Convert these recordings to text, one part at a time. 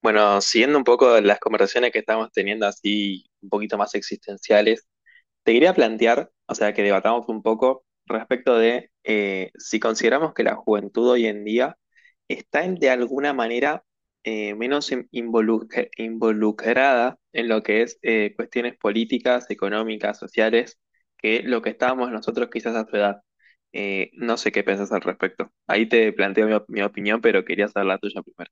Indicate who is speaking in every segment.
Speaker 1: Bueno, siguiendo un poco las conversaciones que estamos teniendo así un poquito más existenciales, te quería plantear, o sea, que debatamos un poco respecto de si consideramos que la juventud hoy en día de alguna manera menos involucrada en lo que es cuestiones políticas, económicas, sociales, que lo que estábamos nosotros quizás a su edad. No sé qué pensás al respecto. Ahí te planteo mi opinión, pero quería saber la tuya primero.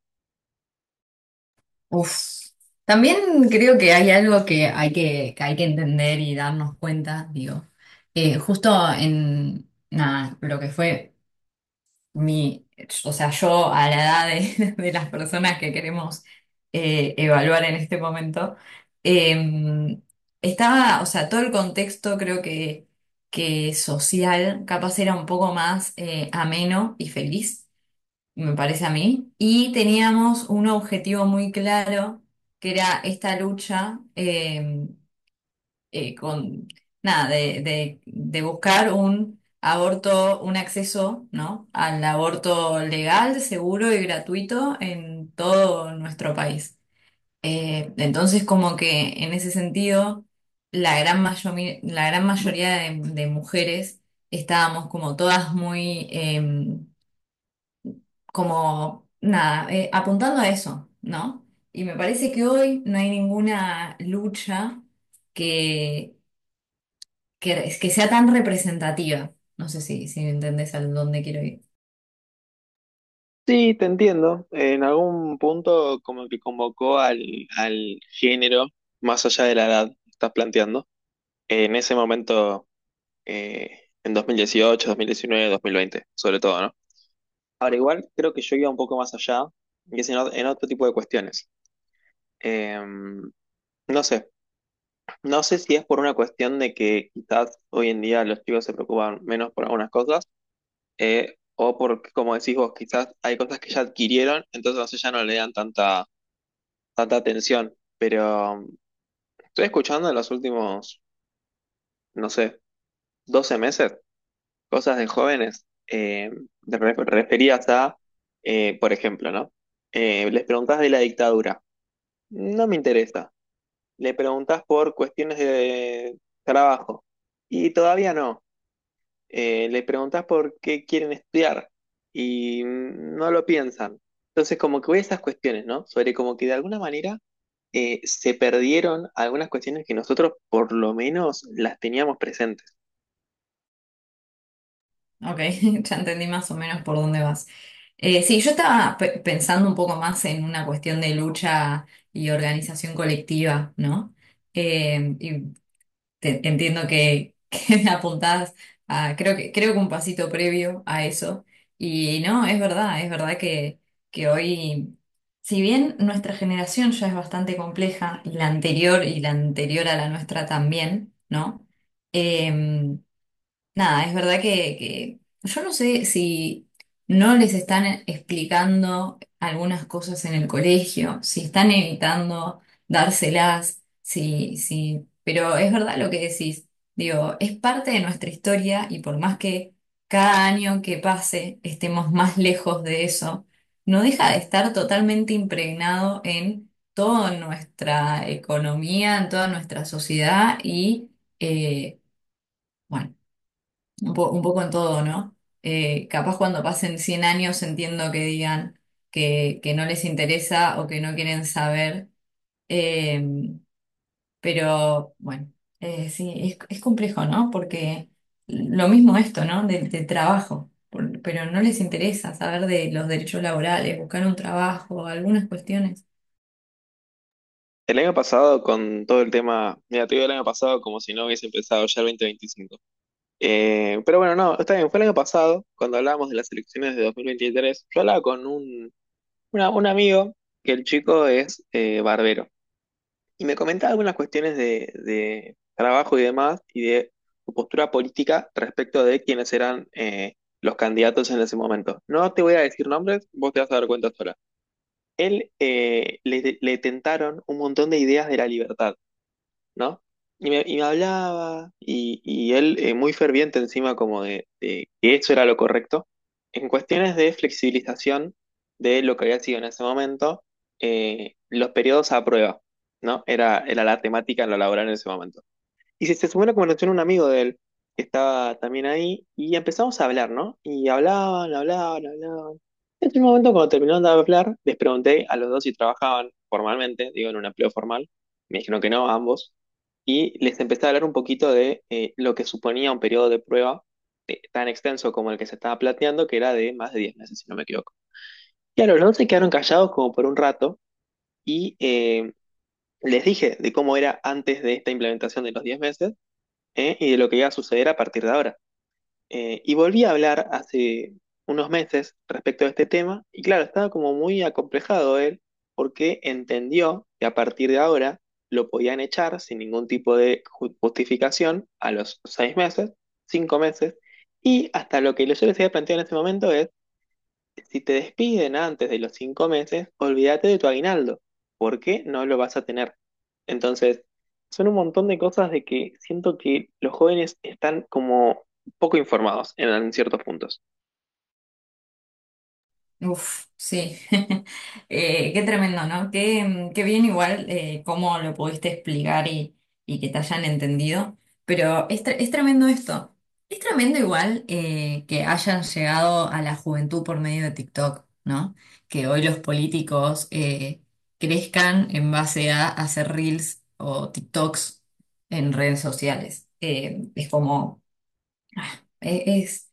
Speaker 2: Uf. También creo que hay algo que hay que entender y darnos cuenta, digo. Justo en nada, lo que fue mi, o sea, yo a la edad de, de las personas que queremos evaluar en este momento, eh, estaba, o sea, todo el contexto creo que social capaz era un poco más ameno y feliz me parece a mí. Y teníamos un objetivo muy claro, que era esta lucha eh, con, nada, de buscar un aborto, un acceso, ¿no? Al aborto legal, seguro y gratuito en todo nuestro país. Entonces, como que en ese sentido, la gran mayoría de mujeres estábamos como todas muy... como nada, apuntando a eso, ¿no? Y me parece que hoy no hay ninguna lucha que, que sea tan representativa. No sé si entendés a dónde quiero ir.
Speaker 1: Sí, te entiendo. En algún punto como que convocó al género más allá de la edad que estás planteando. En ese momento, en 2018, 2019, 2020, sobre todo, ¿no? Ahora igual creo que yo iba un poco más allá, y es en otro tipo de cuestiones. Eh, no sé, no sé si es por una cuestión de que quizás hoy en día los chicos se preocupan menos por algunas cosas, o porque, como decís vos, quizás hay cosas que ya adquirieron, entonces ya no le dan tanta tanta atención, pero estoy escuchando en los últimos, no sé, 12 meses cosas de jóvenes referidas a, por ejemplo, ¿no? Les preguntás de la dictadura, no me interesa. Le preguntás por cuestiones de trabajo y todavía no. Le preguntás por qué quieren estudiar y no lo piensan. Entonces, como que voy a esas cuestiones, ¿no? Sobre como que de alguna manera se perdieron algunas cuestiones que nosotros por lo menos las teníamos presentes.
Speaker 2: Ok, ya entendí más o menos por dónde vas. Sí, yo estaba pensando un poco más en una cuestión de lucha y organización colectiva, ¿no? Eh, Entiendo que apuntás a, creo que un pasito previo a eso. Y no, es verdad que hoy, si bien nuestra generación ya es bastante compleja, y la anterior a la nuestra también, ¿no? Em, Nada, es verdad que yo no sé si no les están e, explicando algunas cosas en el colegio, si están evitando dárselas, si, si, pero es verdad lo que decís. Digo, es parte de nuestra historia y por más que cada año que pase estemos más lejos de eso, no deja de estar totalmente impregnado en toda nuestra economía, en toda nuestra sociedad eh, bueno. Un un poco en todo, ¿no? Capaz cuando pasen 100 años entiendo que digan que no les interesa o que no quieren saber, eh, pero bueno, sí, es complejo, ¿no? Porque lo mismo esto, ¿no? Del trabajo, pero no les interesa saber de los derechos laborales, buscar un trabajo, algunas cuestiones.
Speaker 1: El año pasado, con todo el tema, mira, te digo el año pasado como si no hubiese empezado ya el 2025. Pero bueno, no, está bien, fue el año pasado, cuando hablábamos de las elecciones de 2023 yo hablaba con un amigo que el chico es barbero. Y me comentaba algunas cuestiones de trabajo y demás, y de su postura política respecto de quiénes eran los candidatos en ese momento. No te voy a decir nombres, vos te vas a dar cuenta sola. Él le tentaron un montón de ideas de la libertad. ¿No? Y me hablaba, y él muy ferviente encima como de que eso era lo correcto. En cuestiones de flexibilización de lo que había sido en ese momento, los periodos a prueba, ¿no? Era la temática en lo laboral en ese momento. Y se subió a la conversación un amigo de él, que estaba también ahí, y empezamos a hablar, ¿no? Y hablaban, hablaban, hablaban. En un momento, cuando terminaron de hablar, les pregunté a los dos si trabajaban formalmente, digo, en un empleo formal. Me dijeron que no, ambos. Y les empecé a hablar un poquito de lo que suponía un periodo de prueba tan extenso como el que se estaba planteando, que era de más de 10 meses, si no me equivoco. Y a los dos se quedaron callados como por un rato y les dije de cómo era antes de esta implementación de los 10 meses ¿eh? Y de lo que iba a suceder a partir de ahora. Y volví a hablar hace unos meses respecto a este tema y claro, estaba como muy acomplejado él porque entendió que a partir de ahora lo podían echar sin ningún tipo de justificación a los 6 meses, 5 meses, y hasta lo que yo les había planteado en ese momento es si te despiden antes de los 5 meses, olvídate de tu aguinaldo, porque no lo vas a tener. Entonces, son un montón de cosas de que siento que los jóvenes están como poco informados en ciertos puntos.
Speaker 2: Uf, sí. Qué tremendo, ¿no? Qué bien igual cómo lo pudiste explicar y que te hayan entendido. Pero es tremendo esto. Es tremendo igual que hayan llegado a la juventud por medio de TikTok, ¿no? Que hoy los políticos crezcan en base a hacer reels o TikToks en redes sociales. Es como... E- Es,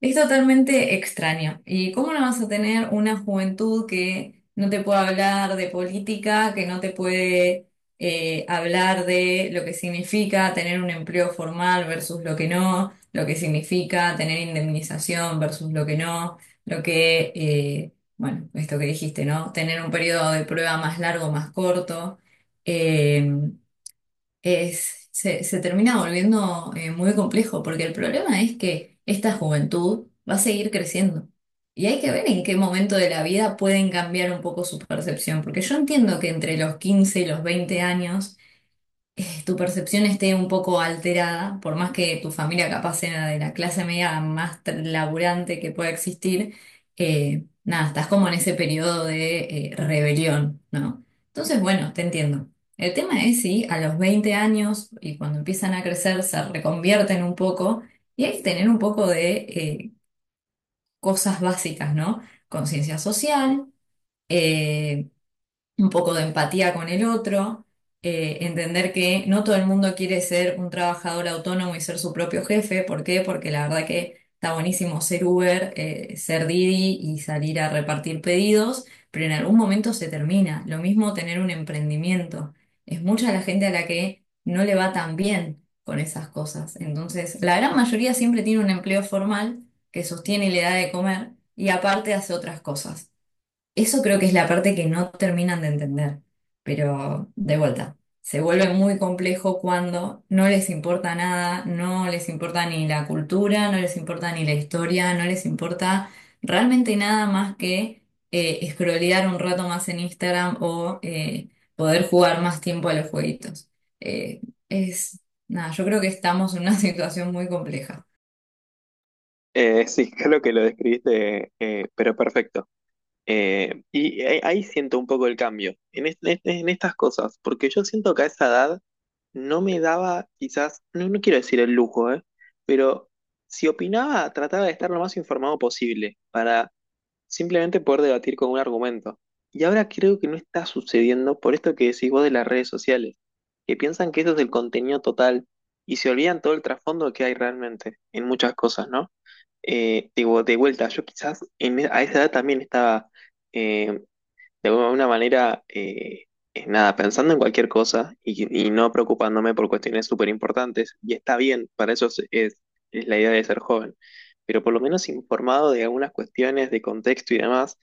Speaker 2: es totalmente extraño. ¿Y cómo no vas a tener una juventud que no te puede hablar de política, que no te puede hablar de lo que significa tener un empleo formal versus lo que no, lo que significa tener indemnización versus lo que no, bueno, esto que dijiste, ¿no? Tener un periodo de prueba más largo, más corto. eh, Se termina volviendo muy complejo, porque el problema es que esta juventud va a seguir creciendo. Y hay que ver en qué momento de la vida pueden cambiar un poco su percepción, porque yo entiendo que entre los 15 y los 20 años tu percepción esté un poco alterada, por más que tu familia capaz sea de la clase media más laburante que pueda existir, nada, estás como en ese periodo de rebelión, ¿no? Entonces, bueno, te entiendo. El tema es si a los 20 años y cuando empiezan a crecer se reconvierten un poco y hay que tener un poco de cosas básicas, ¿no? Conciencia social. eh, un poco de empatía con el otro, entender que no todo el mundo quiere ser un trabajador autónomo y ser su propio jefe. ¿Por qué? Porque la verdad que está buenísimo ser Uber, ser Didi y salir a repartir pedidos, pero en algún momento se termina. Lo mismo tener un emprendimiento. Es mucha la gente a la que no le va tan bien con esas cosas. Entonces, la gran mayoría siempre tiene un empleo formal que sostiene y le da de comer y aparte hace otras cosas. Eso creo que es la parte que no terminan de entender, pero de vuelta, se vuelve muy complejo cuando no les importa nada, no les importa ni la cultura, no les importa ni la historia, no les importa realmente nada más que scrollear un rato más en Instagram o poder jugar más tiempo a los jueguitos. Eh, es, nada, yo creo que estamos en una situación muy compleja.
Speaker 1: Sí, creo que lo describiste, pero perfecto. Y ahí siento un poco el cambio en estas cosas, porque yo siento que a esa edad no me daba quizás, no, no quiero decir el lujo, pero si opinaba, trataba de estar lo más informado posible para simplemente poder debatir con un argumento. Y ahora creo que no está sucediendo por esto que decís vos de las redes sociales, que piensan que eso es el contenido total y se olvidan todo el trasfondo que hay realmente en muchas cosas, ¿no? Digo, de vuelta, yo quizás en a esa edad también estaba eh, de alguna manera, es nada, pensando en cualquier cosa y no preocupándome por cuestiones súper importantes, y está bien, para eso es la idea de ser joven, pero por lo menos informado de algunas cuestiones de contexto y demás,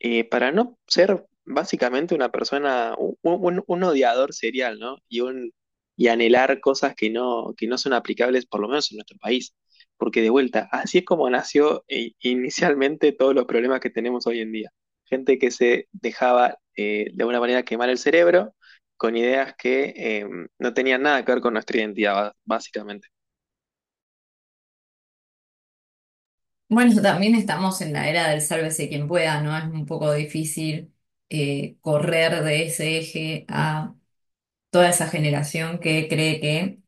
Speaker 1: para no ser básicamente una persona, un odiador serial, ¿no? Y anhelar cosas que no son aplicables, por lo menos en nuestro país. Porque de vuelta, así es como nació inicialmente todos los problemas que tenemos hoy en día gente que se dejaba de alguna manera quemar el cerebro con ideas que no tenían nada que ver con nuestra identidad, básicamente.
Speaker 2: Bueno, también estamos en la era del sálvese quien pueda, ¿no? Es un poco difícil correr de ese eje a toda esa generación que cree que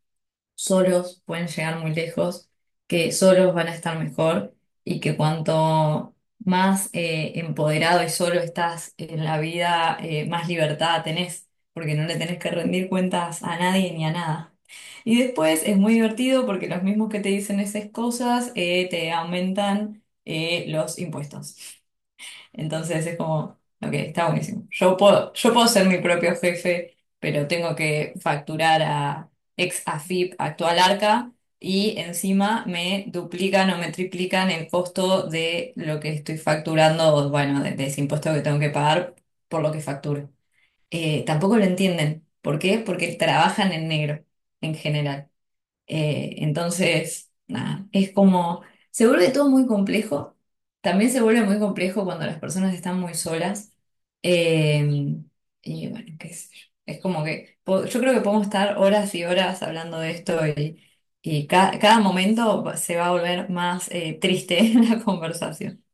Speaker 2: solos pueden llegar muy lejos, que solos van a estar mejor y que cuanto más empoderado y solo estás en la vida, más libertad tenés, porque no le tenés que rendir cuentas a nadie ni a nada. Y después es muy divertido porque los mismos que te dicen esas cosas te aumentan los impuestos. Entonces es como, ok, está buenísimo. Yo puedo ser mi propio jefe, pero tengo que facturar a ex AFIP, actual Arca, y encima me duplican o me triplican el costo de lo que estoy facturando, bueno, de ese impuesto que tengo que pagar por lo que facturo. Tampoco lo entienden. ¿Por qué? Porque trabajan en negro en general. Entonces, nada, es como, se vuelve todo muy complejo. También se vuelve muy complejo cuando las personas están muy solas. Eh, y bueno, qué sé yo. Es como que yo creo que podemos estar horas y horas hablando de esto y cada momento se va a volver más triste la conversación.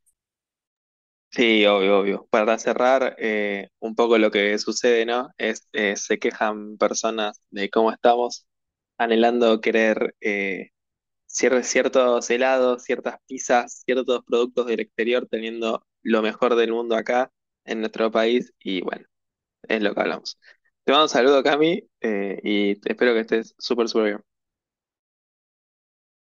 Speaker 1: Sí, obvio, obvio. Para cerrar, un poco lo que sucede, ¿no? Se quejan personas de cómo estamos anhelando querer ciertos helados, ciertas pizzas, ciertos productos del exterior, teniendo lo mejor del mundo acá en nuestro país. Y bueno, es lo que hablamos. Te mando un saludo, Cami, y espero que estés súper, súper bien.